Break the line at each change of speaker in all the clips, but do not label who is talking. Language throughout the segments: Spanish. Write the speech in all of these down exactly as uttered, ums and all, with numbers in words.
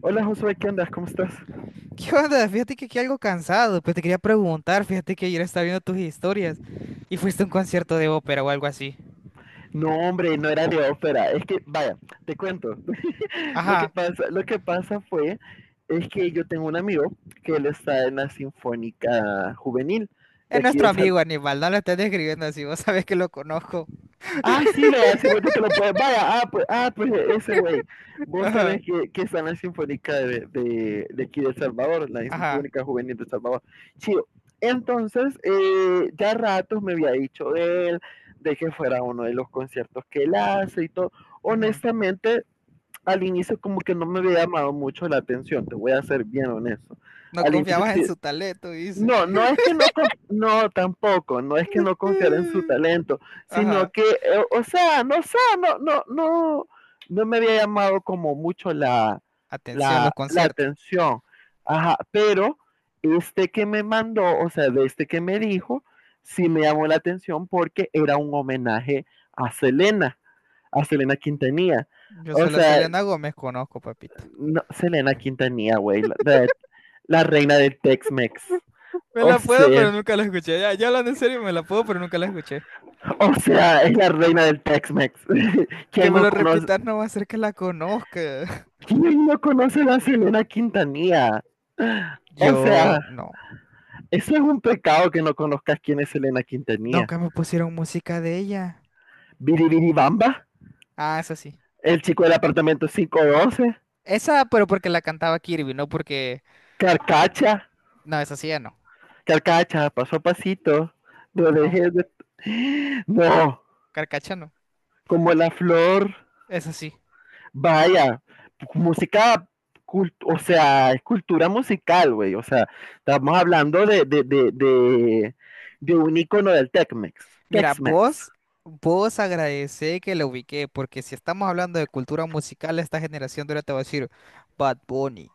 Hola Josué, ¿qué andas? ¿Cómo estás?
¿Qué onda? Fíjate que aquí algo cansado, pero te quería preguntar, fíjate que ayer estaba viendo tus historias y fuiste a un concierto de ópera o algo así.
No, hombre, no era de ópera. Es que, vaya, te cuento. lo que
Ajá,
pasa, lo que pasa fue es que yo tengo un amigo que él está en la Sinfónica Juvenil
es
de aquí
nuestro
de, Sa-
amigo Aníbal, no lo estás describiendo así, vos sabés que lo conozco.
Ah, sí, vea, si vos te lo puedes. Vaya, ah, pues, ah, pues e-, ese güey. Vos
Ajá,
sabés que, que está en la Sinfónica de, de, de aquí de El Salvador, la
ajá,
Sinfónica Juvenil de El Salvador. Chido. Entonces, eh, ya ratos me había dicho él de que fuera uno de los conciertos que él hace y todo.
ujú.
Honestamente, al inicio como que no me había llamado mucho la atención, te voy a ser bien honesto.
No
Al inicio
confiabas en
sí,
su talento, dice.
no, no es que no, conf- no tampoco, no es que no confiar en su talento, sino
Ajá,
que, eh, o sea, no sé, no, no, no, no me había llamado como mucho la,
atención, los
la, la
conciertos.
atención. Ajá, pero este que me mandó, o sea, de este que me dijo, sí me llamó la atención porque era un homenaje a Selena, a Selena Quintanilla.
Yo
O
solo a
sea,
Selena Gómez conozco, papito.
no, Selena Quintanilla, güey, la, la- la reina del Tex-Mex.
Me
O
la puedo, pero
sea,
nunca la escuché. Ya, ya hablando en serio, me la puedo, pero nunca la escuché.
O sea, es la reina del Tex-Mex.
Que
¿Quién
me
no
lo
conoce?
repitas no va a hacer que la conozca.
¿Quién no conoce a Selena Quintanilla? O
Yo
sea,
no.
eso es un pecado que no conozcas quién es Selena Quintanilla.
Nunca me pusieron música de ella.
Biribiribamba,
Ah, esa sí.
el chico del apartamento quinientos doce,
Esa, pero porque la cantaba Kirby, no porque.
Carcacha,
No, esa sí ya no.
Carcacha, paso a pasito, no
No,
dejes de... No,
Carcacha no.
como la flor.
Esa sí.
Vaya, música, cult- o sea, es cultura musical, güey. O sea, estamos hablando de, de, de, de, de un icono del Tex-Mex.
Mira,
Tex-Mex.
vos, vos agradecé que la ubiqué, porque si estamos hablando de cultura musical, esta generación de ahora te va a decir Bad Bunny.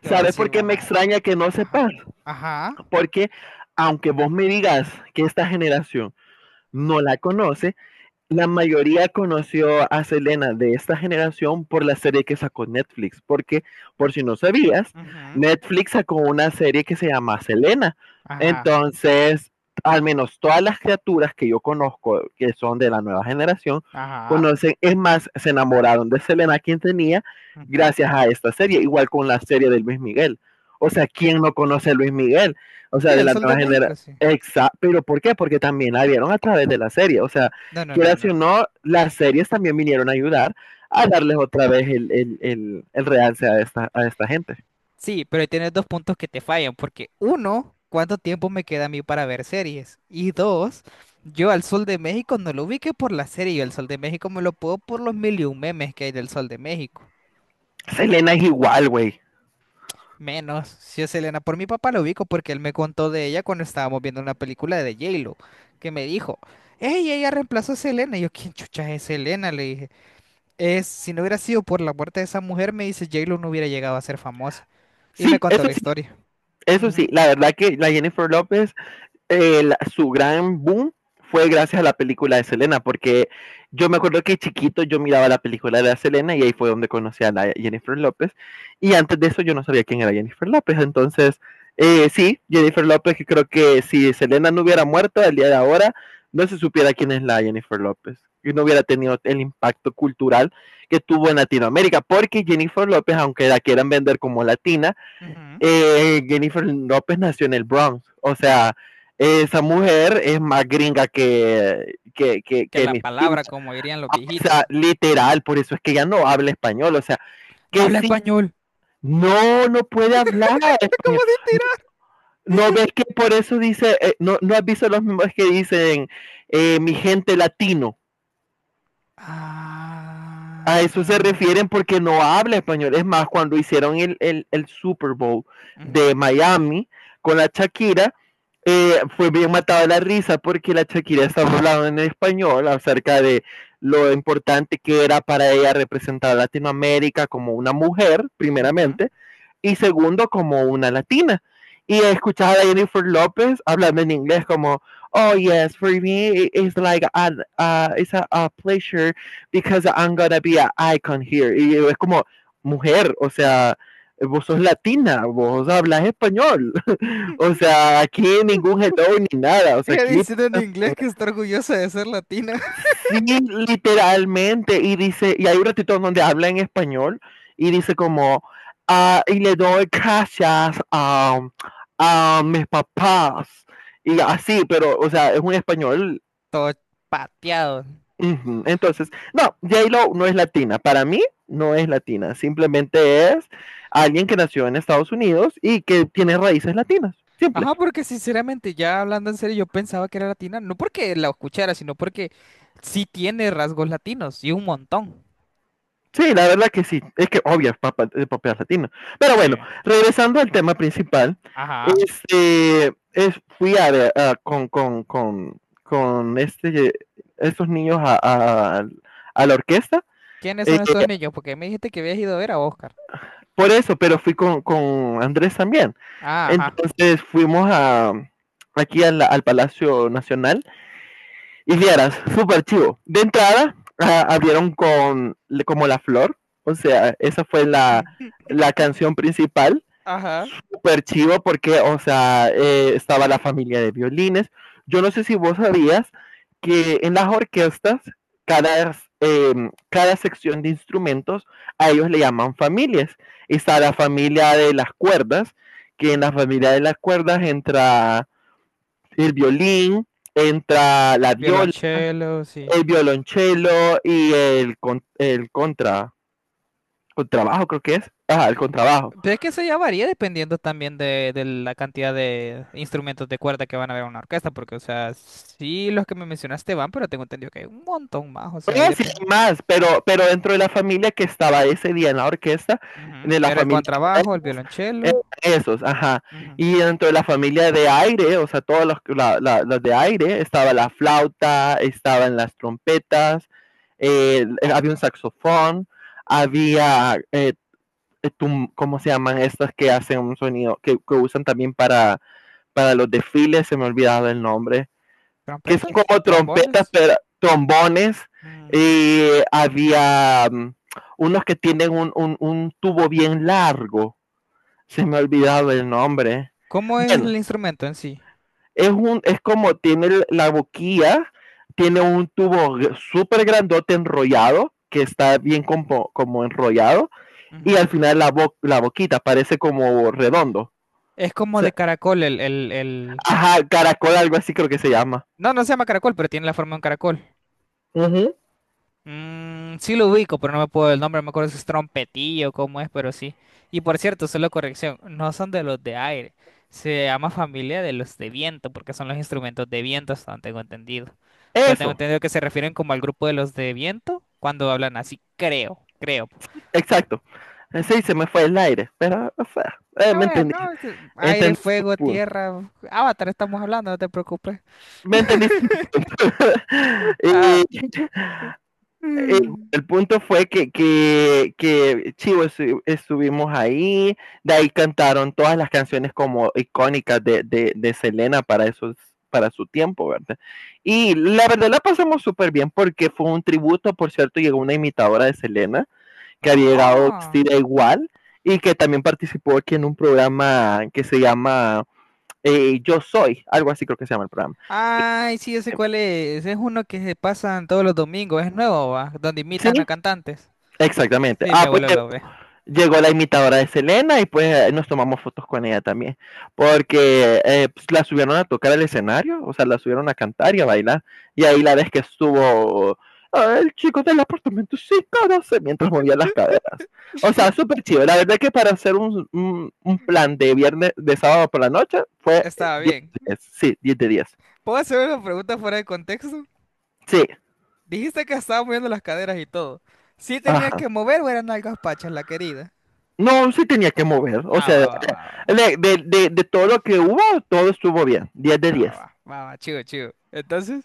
Te va a
¿Sabes
decir
por qué me
mamá.
extraña que no
Ajá.
sepas?
Ajá.
Porque aunque vos me digas que esta generación no la conoce, la mayoría conoció a Selena de esta generación por la serie que sacó Netflix, porque por si no sabías,
Ujú.
Netflix sacó una serie que se llama Selena.
Ajá.
Entonces, al menos todas las criaturas que yo conozco, que son de la nueva generación,
Ajá.
conocen, es más, se enamoraron de Selena, quien tenía,
Ujú.
gracias a esta serie, igual con la serie de Luis Miguel. O sea, ¿quién no conoce a Luis Miguel? O
Sí,
sea, de
el
la
Sol de
nueva generación.
México, sí.
Exacto, pero ¿por qué? Porque también la vieron a través de la serie, o sea,
No, no, no,
quieras
no,
o
no.
no, las series también vinieron a ayudar a darles otra vez el, el, el, el realce a esta, a esta gente.
Sí, pero ahí tienes dos puntos que te fallan, porque uno, ¿cuánto tiempo me queda a mí para ver series? Y dos, yo al Sol de México no lo ubiqué por la serie, yo al Sol de México me lo puedo por los mil y un memes que hay del Sol de México.
Selena es igual, güey.
Menos, si es Selena, por mi papá lo ubico porque él me contó de ella cuando estábamos viendo una película de J-Lo, que me dijo, hey, ella reemplazó a Selena. Y yo, ¿quién chucha es Selena? Le dije, es, si no hubiera sido por la muerte de esa mujer, me dice, J-Lo no hubiera llegado a ser famosa. Y me
Sí,
contó
eso
la
sí,
historia.
eso sí.
Ujú,
La verdad que la Jennifer López eh, la- su gran boom fue gracias a la película de Selena, porque yo me acuerdo que chiquito yo miraba la película de la Selena y ahí fue donde conocí a la Jennifer López. Y antes de eso yo no sabía quién era Jennifer López. Entonces, eh, sí, Jennifer López, que creo que si Selena no hubiera muerto el día de ahora, no se supiera quién es la Jennifer López. Y no hubiera tenido el impacto cultural que tuvo en Latinoamérica, porque Jennifer López, aunque la quieran vender como latina,
ujú.
eh, Jennifer López nació en el Bronx. O sea, esa mujer es más gringa que, que, que,
Que
que
la
mis primas.
palabra, como dirían los
O
viejitos.
sea, literal, por eso es que ya no habla español. O sea,
No
que
habla
sí,
español.
no, no puede hablar
Es como
español.
si
No,
tira-
no ves que por eso dice, eh, no, no has visto los mismos que dicen eh, mi gente latino. A eso se
Ah.
refieren porque no habla español. Es más, cuando hicieron el, el, el Super Bowl de
Ujú,
Miami con la Shakira, eh, fue bien matado de la risa porque la Shakira estaba hablando en español acerca de lo importante que era para ella representar a Latinoamérica como una mujer,
ujú.
primeramente, y segundo como una latina. Y escuchar a Jennifer López hablando en inglés como, oh yes, for me it's like an, uh, it's a, a, pleasure because I'm gonna be an icon here. Y es como, mujer, o sea, vos sos latina, vos hablas español. O sea, aquí ningún hello ni nada. O sea,
Ella
aquí
diciendo en
eh,
inglés que está orgullosa de ser latina.
sí, literalmente. Y dice, y hay un ratito donde habla en español y dice como, ah, y le doy gracias a, a mis papás. Y así, pero, o sea, es un español.
Todo pateado.
Ujú. Entonces, no, J-Lo no es latina. Para mí, no es latina. Simplemente es alguien que nació en Estados Unidos y que tiene raíces latinas. Simple.
Ajá, porque sinceramente, ya hablando en serio, yo pensaba que era latina, no porque la escuchara, sino porque sí tiene rasgos latinos y un montón.
Sí, la verdad que sí. Es que obvio, es papa- es propiedad latina. Pero bueno,
Sí.
regresando al tema principal,
Ajá.
este, es, fui a, ver, a- con, con, con, con este, estos niños a, a- a la orquesta,
¿Quiénes
eh,
son estos niños? Porque me dijiste que habías ido a ver a Oscar.
por eso, pero fui con, con Andrés también.
Ah, ajá.
Entonces fuimos a, aquí a la- al Palacio Nacional y vieras, súper chivo. De entrada, ah, abrieron con como La Flor, o sea, esa fue la, la canción principal.
Ajá.
Súper chivo porque, o sea, eh, estaba la familia de violines. Yo no sé si vos sabías que en las orquestas, cada, eh, cada sección de instrumentos, a ellos le llaman familias. Está la familia de las cuerdas, que en la
Ujú.
familia de las cuerdas entra el violín, entra la viola,
Violonchelo, sí.
el violonchelo y el, con- el contra, contrabajo creo que es, ajá, el contrabajo.
Pero es que eso ya varía dependiendo también de, de la cantidad de instrumentos de cuerda que van a haber en una orquesta, porque, o sea, sí los que me mencionaste van, pero tengo entendido que hay un montón más, o sea, ahí
Bueno, sí
depende.
hay más, pero, pero dentro de la familia que estaba ese día en la orquesta,
Ujú.
de la
Era el
familia de
contrabajo, el
cuerdas, eh,
violonchelo,
esos, ajá.
ujú,
Y dentro de la familia de aire, o sea, todos los la- la- los de aire, estaba la flauta, estaban las trompetas, eh, eh, había un saxofón, había, eh, eh, tum- ¿cómo se llaman estas que hacen un sonido, que, que usan también para para los desfiles, se me ha olvidado el nombre, que son
trompetas,
como trompetas,
trombones.
pero, trombones,
Ujú.
y había um, unos que tienen un, un, un tubo bien largo, se me ha olvidado el nombre.
¿Cómo es el
Bueno,
instrumento en sí?
es, un, es como tiene la boquilla, tiene un tubo súper grandote enrollado, que está bien como, como enrollado, y
Ujú.
al final la, bo la boquita parece como redondo. O
Es como de
sea,
caracol, el, el, el...
ajá, caracol, algo así creo que se llama.
No, no se llama caracol, pero tiene la forma de un caracol.
Uh -huh.
Mm, sí lo ubico, pero no me puedo el nombre, no me acuerdo si es trompetillo, cómo es, pero sí. Y por cierto, solo corrección, no son de los de aire, se llama familia de los de viento, porque son los instrumentos de viento, hasta donde tengo entendido. Pero tengo
Eso.
entendido que se refieren como al grupo de los de viento cuando hablan así, creo, creo.
Exacto. Eh, sí, se me fue el aire, pero, o sea, eh,
A
me
ver,
entendí.
no, este, aire,
Entendiste mi
fuego,
punto.
tierra, Avatar estamos hablando, no te preocupes.
Me entendiste mi punto.
Ah.
Y- y
Mm.
el punto fue que, que, que chivo estu- estuvimos ahí, de ahí cantaron todas las canciones como icónicas de, de, de Selena para esos para su tiempo, ¿verdad? Y la verdad la pasamos súper bien porque fue un tributo, por cierto, llegó una imitadora de Selena que había llegado
No.
vestida igual y que también participó aquí en un programa que se llama eh, Yo Soy, algo así creo que se llama el programa. Y,
Ay, sí, yo sé
eh,
cuál es. Es uno que se pasan todos los domingos. Es nuevo, va. Donde
sí,
imitan a cantantes.
exactamente.
Sí, mi
Ah, pues
abuelo lo ve.
llegó la imitadora de Selena y pues nos tomamos fotos con ella también, porque eh, pues, la subieron a tocar al escenario, o sea, la subieron a cantar y a bailar, y ahí la vez que estuvo "Ah, el chico del apartamento", sí, no sé, mientras movía las caderas. O sea, súper chido. La verdad que para hacer un, un, un plan de viernes, de sábado por la noche, fue eh,
Estaba
diez,
bien.
de diez, sí, diez de diez.
¿Puedo hacer una pregunta fuera de contexto?
Sí,
Dijiste que estaba moviendo las caderas y todo. ¿Sí tenía
ajá.
que mover o eran algas pachas, la querida?
No, sí tenía que mover, o
Ah,
sea,
va, va, va, va.
de, de, de, de todo lo que hubo, todo estuvo bien, diez de
Ah, va,
diez.
va, va, va, chido, chido. Entonces,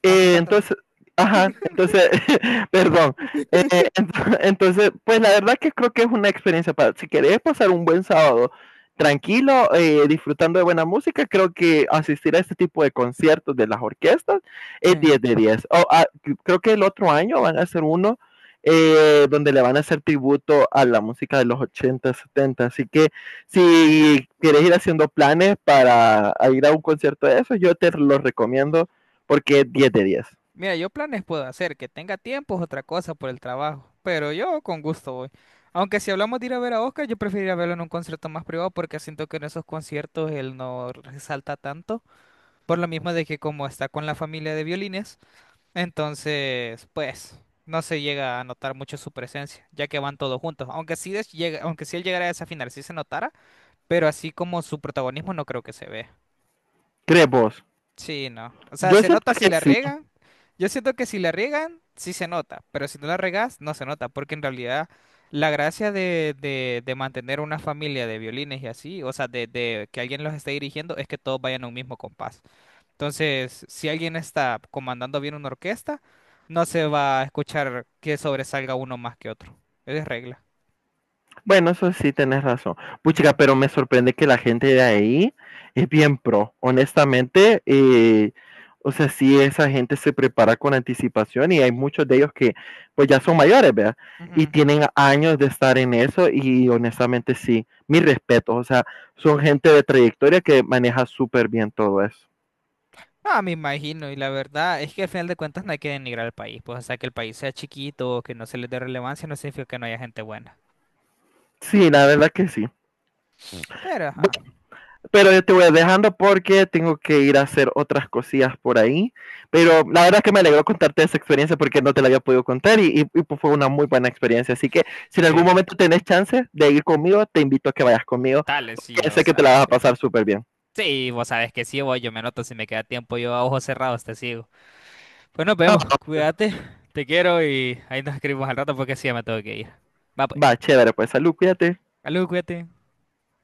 ¿estás contando?
entonces, ajá, entonces, perdón. Eh, ent- entonces, pues la verdad que creo que es una experiencia para, si querés pasar un buen sábado tranquilo, eh, disfrutando de buena música, creo que asistir a este tipo de conciertos de las orquestas es
Sí.
diez de diez. O, ah, c- creo que el otro año van a hacer uno eh, donde le van a hacer tributo a la música de los ochenta, setenta. Así que si quieres ir haciendo planes para a ir a un concierto de eso, yo te lo recomiendo porque es diez de diez.
Mira, yo planes puedo hacer, que tenga tiempo es otra cosa por el trabajo, pero yo con gusto voy. Aunque si hablamos de ir a ver a Oscar, yo preferiría verlo en un concierto más privado porque siento que en esos conciertos él no resalta tanto, por lo mismo de que como está con la familia de violines, entonces pues no se llega a notar mucho su presencia, ya que van todos juntos. Aunque sí des- llega, aunque si él llegara a esa final, sí se notara, pero así como su protagonismo no creo que se vea.
¿Crees vos?
Sí, no. O sea,
Yo
se
siento
nota si
que
la
sí.
riegan. Yo siento que si la riegan, sí se nota, pero si no la riegas, no se nota, porque en realidad la gracia de, de, de mantener una familia de violines y así, o sea, de, de que alguien los esté dirigiendo, es que todos vayan a un mismo compás. Entonces, si alguien está comandando bien una orquesta, no se va a escuchar que sobresalga uno más que otro. Es regla.
Bueno, eso sí, tenés razón.
Ujú,
Puchica, pero me sorprende que la gente de ahí es bien pro. Honestamente, eh, o sea, sí, esa gente se prepara con anticipación y hay muchos de ellos que pues ya son mayores, ¿verdad? Y
ujú.
tienen años de estar en eso y honestamente sí, mis respetos. O sea, son gente de trayectoria que maneja súper bien todo eso.
Ah, me imagino, y la verdad es que al final de cuentas no hay que denigrar al país, pues, o sea, que el país sea chiquito o que no se le dé relevancia no significa que no haya gente buena.
Sí, la verdad que sí.
Pero, ajá,
Pero yo te voy dejando porque tengo que ir a hacer otras cosillas por ahí. Pero la verdad es que me alegró contarte esa experiencia porque no te la había podido contar y, y, y pues fue una muy buena experiencia. Así que si en algún
sí,
momento tenés chance de ir conmigo, te invito a que vayas conmigo
dale, sí,
porque
yo,
sé que te la
¿sabes
vas a
qué?
pasar súper bien.
Sí, vos sabes que sí, voy, yo me anoto si me queda tiempo, yo a ojos cerrados te sigo. Pues nos vemos,
Ah,
cuídate, te quiero y ahí nos escribimos al rato porque sí, ya me tengo que ir. Va, pues,
va, chévere, pues salud, cuídate.
salud, cuídate.